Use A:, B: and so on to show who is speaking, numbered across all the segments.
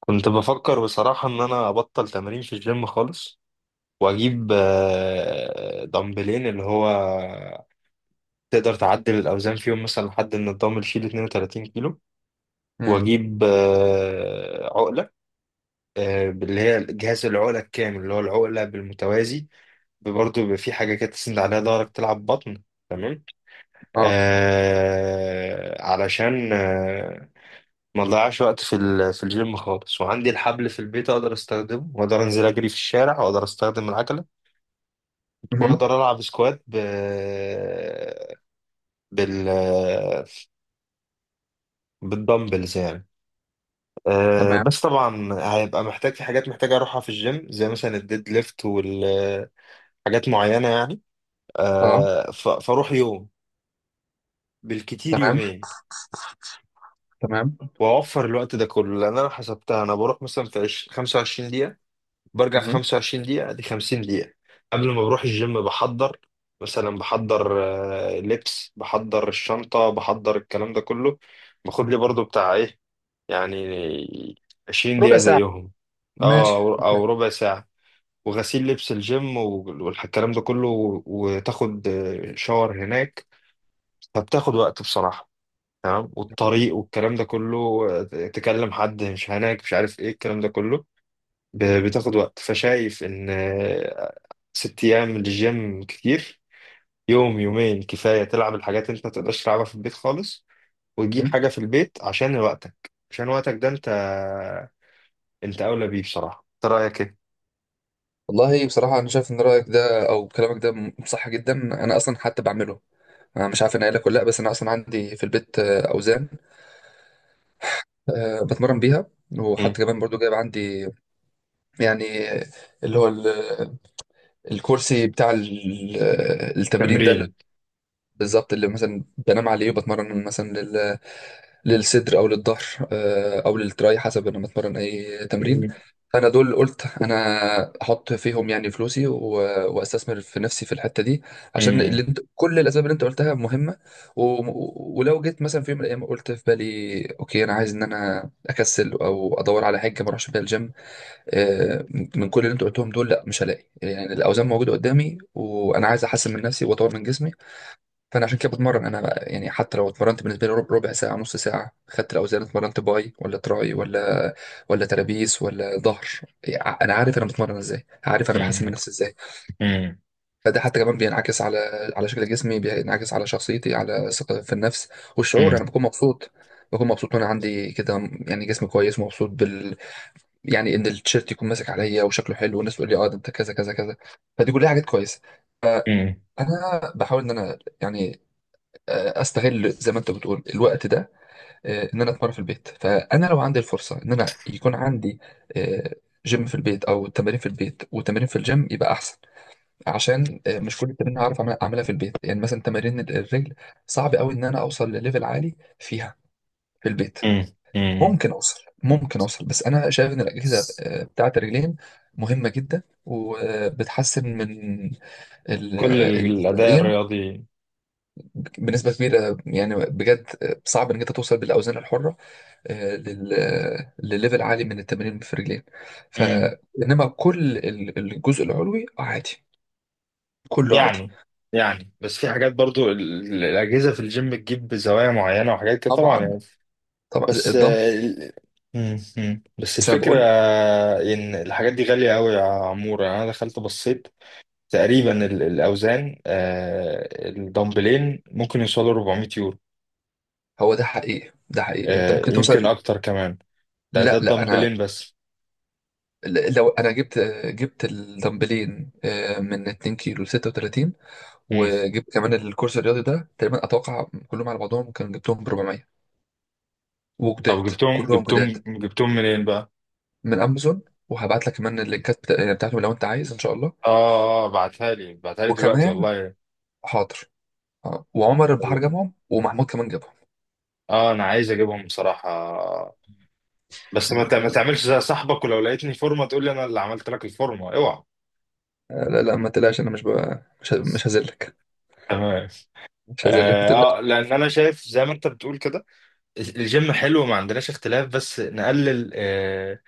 A: كنت بفكر بصراحة إن أنا أبطل تمرين في الجيم خالص، وأجيب دمبلين اللي هو تقدر تعدل الأوزان فيهم مثلا لحد إن الدمبل يشيل 32 كيلو.
B: امم.
A: وأجيب عقلة، اللي هي جهاز العقلة الكامل، اللي هو العقلة بالمتوازي. برضه بيبقى في حاجة كده تسند عليها ظهرك تلعب بطن. تمام.
B: اه.
A: علشان ما اضيعش وقت في في الجيم خالص، وعندي الحبل في البيت اقدر استخدمه، واقدر انزل اجري في الشارع، واقدر استخدم العجله،
B: مهم.
A: واقدر العب سكوات ب... بال بالدمبلز يعني. أه،
B: تمام.
A: بس طبعا هيبقى محتاج في حاجات محتاج اروحها في الجيم، زي مثلا الديد ليفت والحاجات معينه يعني.
B: اه.
A: فاروح يوم، بالكتير
B: تمام،
A: يومين.
B: تمام.
A: واوفر الوقت ده كله، لان انا حسبتها انا بروح مثلا في 25 دقيقه، برجع في
B: مهم.
A: 25 دقيقة، دي 50 دقيقة. قبل ما بروح الجيم بحضر، مثلا بحضر لبس، بحضر الشنطة، بحضر الكلام ده كله. باخد لي برضو بتاع ايه يعني 20
B: ربع
A: دقيقة
B: ساعة.
A: زيهم. اه،
B: ماشي.
A: أو ربع ساعة. وغسيل لبس الجيم والكلام ده كله، وتاخد شاور هناك. فبتاخد وقت بصراحة. تمام. والطريق والكلام ده كله، تكلم حد مش هناك، مش عارف ايه الكلام ده كله. بتاخد وقت. فشايف ان ست أيام للجيم كتير. يوم يومين كفاية، تلعب الحاجات اللي أنت ما تقدرش تلعبها في البيت خالص، وتجيب
B: مهم.
A: حاجة في البيت عشان وقتك، عشان وقتك ده أنت، أنت أولى بيه بصراحة. أنت رأيك إيه؟
B: والله بصراحة أنا شايف إن رأيك ده أو كلامك ده صح جدا. أنا أصلا حتى بعمله. أنا مش عارف أنا قايل لك ولا لأ، بس أنا أصلا عندي في البيت أوزان، بتمرن بيها.
A: مم.
B: وحتى كمان برضو جايب عندي يعني اللي هو الكرسي بتاع التمرين ده،
A: تمرين.
B: بالظبط اللي مثلا بنام عليه وبتمرن مثلا للصدر او للظهر، او للتراي، حسب انا بتمرن اي تمرين.
A: مم.
B: فانا دول قلت انا احط فيهم يعني فلوسي واستثمر في نفسي في الحته دي، عشان
A: مم.
B: كل الاسباب اللي انت قلتها مهمه. ولو جيت مثلا في يوم من الايام قلت في بالي اوكي انا عايز ان انا اكسل او ادور على حاجه ما اروحش بيها الجيم، آه، من كل اللي انت قلتهم دول لا مش هلاقي، يعني الاوزان موجوده قدامي وانا عايز احسن من نفسي واطور من جسمي. فانا عشان كده بتمرن انا بقى، يعني حتى لو اتمرنت بالنسبه لي ربع ساعه، نص ساعه، خدت الاوزان اتمرنت باي ولا تراي ولا ترابيس ولا ظهر، يعني انا عارف انا بتمرن ازاي، عارف انا بحسن من
A: مم.
B: نفسي ازاي.
A: مم.
B: فده حتى كمان بينعكس على شكل جسمي، بينعكس على شخصيتي، على ثقة في النفس
A: مم.
B: والشعور. انا بكون مبسوط، بكون مبسوط وانا عندي كده، يعني جسم كويس، مبسوط يعني ان التيشيرت يكون ماسك عليا وشكله حلو، والناس تقول لي اه ده انت كذا كذا كذا، فدي كلها حاجات كويسه.
A: مم.
B: انا بحاول ان انا يعني استغل زي ما انت بتقول الوقت ده، ان انا اتمرن في البيت. فانا لو عندي الفرصه ان انا يكون عندي آه، جيم في البيت او تمارين في البيت وتمارين في الجيم يبقى احسن. عشان مش كل التمارين هعرف اعملها في البيت، يعني مثلا تمارين الرجل صعب قوي ان انا اوصل لليفل عالي فيها في البيت.
A: مم. مم.
B: ممكن اوصل، ممكن اوصل، بس انا شايف ان الاجهزه بتاعت الرجلين مهمه جدا، وبتحسن من ال-
A: كل الأداء
B: التمرين
A: الرياضي.
B: بنسبة كبيرة يعني بجد. صعب انك انت توصل بالاوزان الحرة آه، لل آه، لليفل عالي من التمرين في الرجلين. ف
A: مم.
B: انما كل الجزء العلوي عادي، كله عادي.
A: يعني يعني بس في حاجات برضو الأجهزة في الجيم بتجيب زوايا معينة وحاجات كده طبعا
B: طبعا،
A: يعني.
B: طبعا زي
A: بس
B: الظهر.
A: آه، مم. مم. بس
B: بس انا
A: الفكرة
B: بقول
A: إن الحاجات دي غالية أوي يا عمورة. أنا دخلت بصيت تقريبا الأوزان، الدمبلين ممكن يوصلوا 400 يورو.
B: هو ده حقيقي، ده حقيقي انت ممكن
A: يمكن
B: توصل.
A: أكتر كمان. ده
B: لا لا، انا
A: الدمبلين بس.
B: لو انا جبت الدمبلين من 2 كيلو ل 36،
A: مم.
B: وجبت كمان الكورس الرياضي ده، تقريبا اتوقع كلهم على بعضهم كان جبتهم ب 400،
A: طب
B: وجداد،
A: جبتهم
B: كلهم
A: جبتهم
B: جداد،
A: جبتهم منين بقى؟
B: من امازون. وهبعت لك كمان اللينكات يعني بتاعتهم لو انت عايز ان شاء الله.
A: آه آه بعتها لي دلوقتي
B: وكمان
A: والله.
B: حاضر. اه، وعمر البحر جابهم، ومحمود كمان جابهم.
A: آه، أنا عايز أجيبهم بصراحة، بس
B: مم.
A: ما تعملش زي صاحبك، ولو لقيتني فورمة تقول لي أنا اللي عملت لك الفورمة، أوعى.
B: لا لا، ما تقلقش، انا مش هذلك.
A: تمام.
B: مش هذلك، ما
A: اه،
B: تقلقش.
A: لان انا شايف زي ما انت بتقول كده الجيم حلو، ما عندناش اختلاف، بس نقلل آه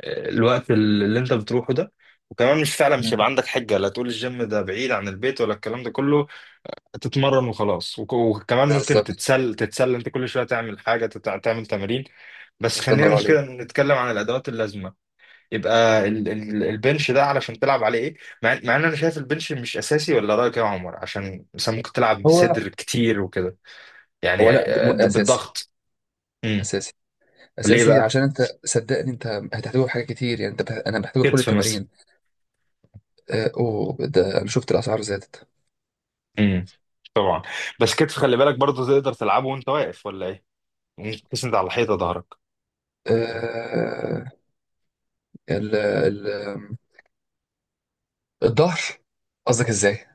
A: آه، الوقت اللي انت بتروحه ده. وكمان مش فعلا مش هيبقى
B: مم.
A: عندك حجة لا تقول الجيم ده بعيد عن البيت ولا الكلام ده كله. تتمرن وخلاص، وكمان ممكن
B: بالظبط.
A: تتسلى انت كل شوية، تعمل حاجة، تعمل تمارين. بس
B: الله
A: خلينا
B: ينور
A: مش كده
B: عليك.
A: نتكلم عن الادوات اللازمة. يبقى ال البنش ده علشان تلعب عليه ايه؟ مع ان انا شايف البنش مش اساسي، ولا رأيك يا عمر؟ عشان مثلا ممكن تلعب
B: هو
A: صدر كتير وكده يعني،
B: هو لا
A: آه،
B: اساسي.
A: بالضغط. امم.
B: اساسي،
A: ليه
B: اساسي،
A: بقى؟
B: عشان انت صدقني انت هتحتاجه في حاجات كتير، يعني انا بحتاجه في كل
A: كتف مثلا.
B: التمارين. اوه، ده انا شفت الاسعار زادت.
A: امم. طبعا. بس كتف، خلي بالك برضه تقدر تلعبه وانت واقف ولا ايه؟ ممكن تسند على الحيطه ظهرك.
B: آه، ال... ال... الظهر، قصدك ازاي؟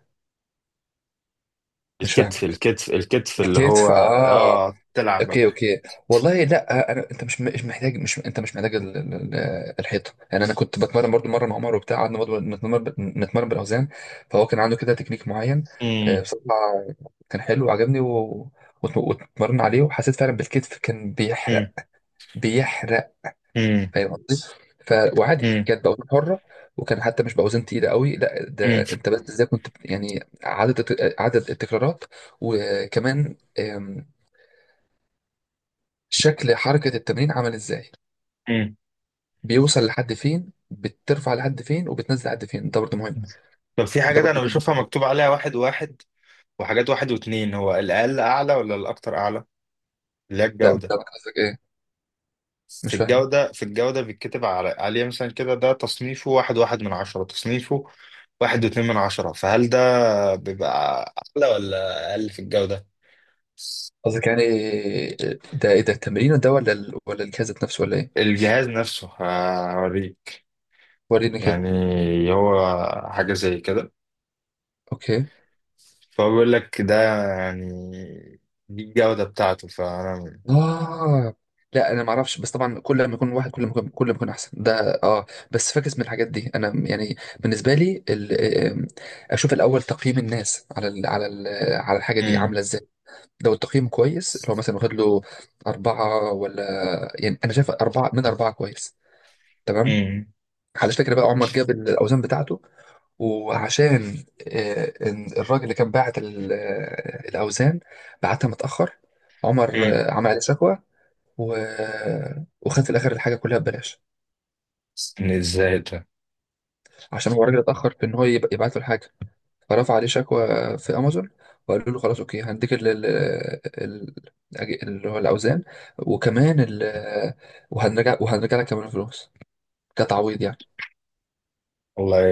B: مش
A: الكتف
B: فاهمك.
A: الكتف الكتف اللي هو
B: الكتف، اه.
A: اه تلعب.
B: اوكي، اوكي. والله لا انت مش محتاج الحيطه. يعني انا كنت بتمرن برضو مره مع عمر وبتاع، قعدنا برضو نتمرن بالاوزان. فهو كان عنده كده تكنيك معين،
A: امم.
B: بصراحه، كان حلو وعجبني واتمرن عليه، وحسيت فعلا بالكتف كان بيحرق،
A: امم.
B: بيحرق.
A: امم.
B: فاهم قصدي؟ ف... وعادي
A: امم.
B: كانت باوزان حره، وكان حتى مش باوزان تقيله قوي، لا
A: امم.
B: ده انت بس ازاي كنت يعني عدد عدد التكرارات، وكمان شكل حركة التمرين عامل ازاي،
A: امم.
B: بيوصل لحد فين، بترفع لحد فين وبتنزل لحد فين، ده برضو مهم.
A: طب في
B: ده
A: حاجات
B: برضو
A: انا
B: كان
A: بشوفها
B: مهم.
A: مكتوب عليها واحد واحد، وحاجات واحد واتنين. هو الاقل اعلى ولا الاكتر اعلى؟ اللي هي
B: لا مش
A: الجودة.
B: فاهمك قصدك ايه.
A: في
B: مش فاهمك
A: الجودة في الجودة بيتكتب على عليه مثلا كده. ده تصنيفه واحد واحد من عشرة، تصنيفه واحد واتنين من عشرة. فهل ده بيبقى أعلى ولا أقل في الجودة؟
B: قصدك، يعني ده ايه ده، التمرين ده ولا الجهاز ذات نفسه ولا ايه؟
A: الجهاز نفسه. هوريك.
B: وريني كده.
A: يعني هو حاجة زي كده.
B: اوكي.
A: فهو بيقول لك ده، يعني دي الجودة بتاعته فأنا.
B: اه. لا انا ما اعرفش، بس طبعا كل ما يكون واحد، كل ما يكون احسن ده، اه. بس فاكس من الحاجات دي، انا يعني بالنسبه لي ال... آم، اشوف الاول تقييم الناس على على الحاجه دي
A: مم.
B: عامله ازاي. لو التقييم كويس، اللي هو مثلا واخد له أربعة ولا، يعني أنا شايف 4 من 4 كويس. تمام.
A: مم.
B: على فكرة بقى، عمر جاب الأوزان بتاعته، وعشان إن الراجل اللي كان باعت الأوزان بعتها متأخر، عمر
A: مم.
B: عمل عليه شكوى، و... وخد في الآخر الحاجة كلها ببلاش.
A: إن ازاي ده.
B: عشان هو الراجل اتأخر في إن هو يبعت له الحاجة، فرفع عليه شكوى في امازون، وقالوا له خلاص اوكي هنديك ال- اللي هو الاوزان، وكمان ال وهنرجع وهنرجع لك كمان فلوس كتعويض يعني.
A: والله،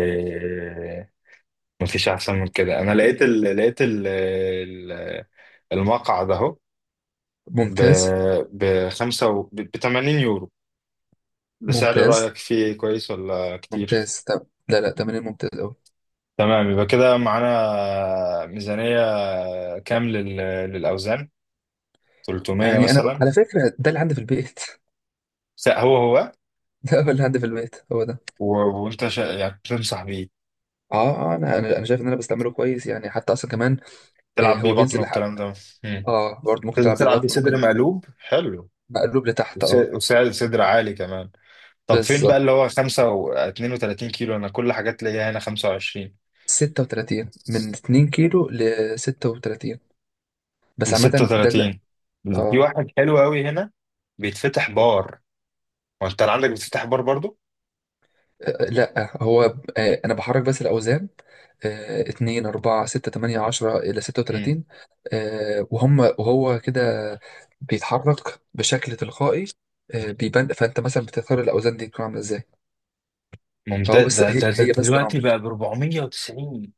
A: مفيش أحسن من كده. أنا لقيت المقعد أهو، ب
B: ممتاز،
A: ب 5، ب 80 يورو. ده سعر
B: ممتاز،
A: رأيك فيه كويس ولا كتير؟
B: ممتاز. طب لا لا، تمرين ممتاز قوي.
A: تمام، يبقى كده معانا ميزانية كام للأوزان؟ 300
B: يعني انا
A: مثلا.
B: على فكره ده اللي عندي في البيت
A: هو.
B: ده هو اللي عندي في البيت، هو ده.
A: وأنت يعني تنصح بيه؟
B: اه، اه، انا انا أنا شايف ان انا بستعمله كويس يعني حتى اصلا كمان.
A: تلعب بيه
B: هو
A: بطن
B: بينزل لحق.
A: والكلام ده. مم.
B: اه، برضه ممكن
A: لازم
B: تلعب بيه
A: تلعب بيه
B: بطن،
A: صدر
B: ممكن.
A: مقلوب حلو،
B: مقلوب لتحت، اه.
A: وسعر صدر عالي كمان. طب فين بقى اللي
B: بالظبط.
A: هو 5 و 32 كيلو؟ أنا كل حاجات ليا هنا 25
B: 36، من 2 كيلو لستة وتلاتين، بس
A: ل
B: عامة ده لا.
A: 36. في
B: اه.
A: واحد حلو قوي هنا بيتفتح بار. وأنت اللي عندك بيتفتح بار برضو؟
B: لا هو. انا بحرك بس الاوزان، 2، 4، 6، 8، 10 الى 36. آه وهم وهو كده بيتحرك بشكل تلقائي. بيبان، فانت مثلا بتختار الاوزان دي تكون عاملة ازاي. فهو
A: ممتاز.
B: بس
A: ده, ده, ده
B: هي بس
A: دلوقتي
B: تنابل.
A: بقى ب 490.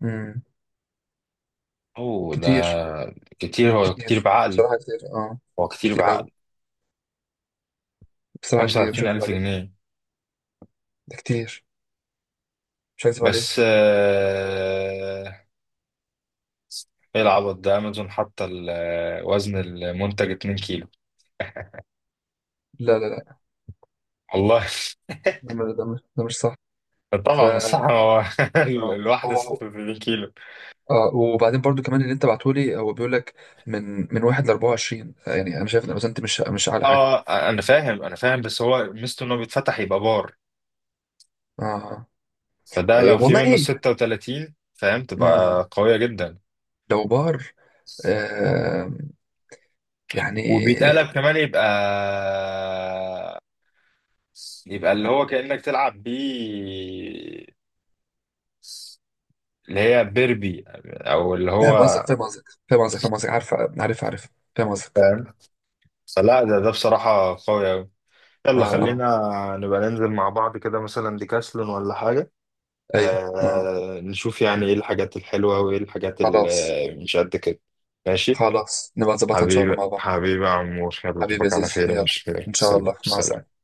B: مم.
A: اوه. ده
B: كتير.
A: كتير. هو كتير
B: كتير،
A: بعقل.
B: بصراحة كتير، اه.
A: هو كتير
B: كتير
A: بعقل.
B: اوي، بصراحة كتير، مش
A: 25000
B: هكذب عليك.
A: جنيه
B: ده كتير، مش هكذب
A: بس
B: عليك.
A: آه، ايه العبط ده؟ امازون حاطه وزن المنتج 2 كيلو.
B: لا لا لا،
A: والله.
B: ده مش صح. ف
A: طبعا الساعة هو
B: آه.
A: الواحدة
B: هو-
A: 86 كيلو.
B: آه، وبعدين برضو كمان اللي انت بعتهولي هو بيقول لك من من 1 ل 24، يعني انا شايف ان الأوزان دي مش اعلى حاجه.
A: اه، انا فاهم، انا فاهم، بس هو ميزته انه بيتفتح يبقى بار،
B: اه.
A: فده
B: إيه،
A: لو في
B: والله
A: منه
B: ايه.
A: 36 فاهم
B: مم.
A: تبقى قوية جدا.
B: لو بار، آه يعني.
A: وبيتقلب كمان يبقى، اللي هو كأنك تلعب بيه اللي هي بيربي او اللي هو.
B: فاهم قصدك، فاهم قصدك، فاهم قصدك، فاهم قصدك، عارف، عارف، عارف، فاهم قصدك.
A: فاهم؟ فلا، ده بصراحة قوي أوي.
B: اه،
A: يلا
B: اه.
A: خلينا نبقى ننزل مع بعض كده، مثلا ديكاسلون ولا حاجة.
B: ايوه، اه.
A: نشوف يعني ايه الحاجات الحلوة وايه الحاجات
B: خلاص.
A: اللي مش قد كده. ماشي.
B: خلاص، نبقى نظبطها ان شاء الله
A: حبيبي
B: مع بعض.
A: حبيبي يا عمور، يلا
B: حبيبي يا
A: اشوفك على
B: زيزو،
A: خير يا
B: يلا،
A: مش.
B: ان شاء
A: سلام
B: الله، مع السلامه.
A: سلام.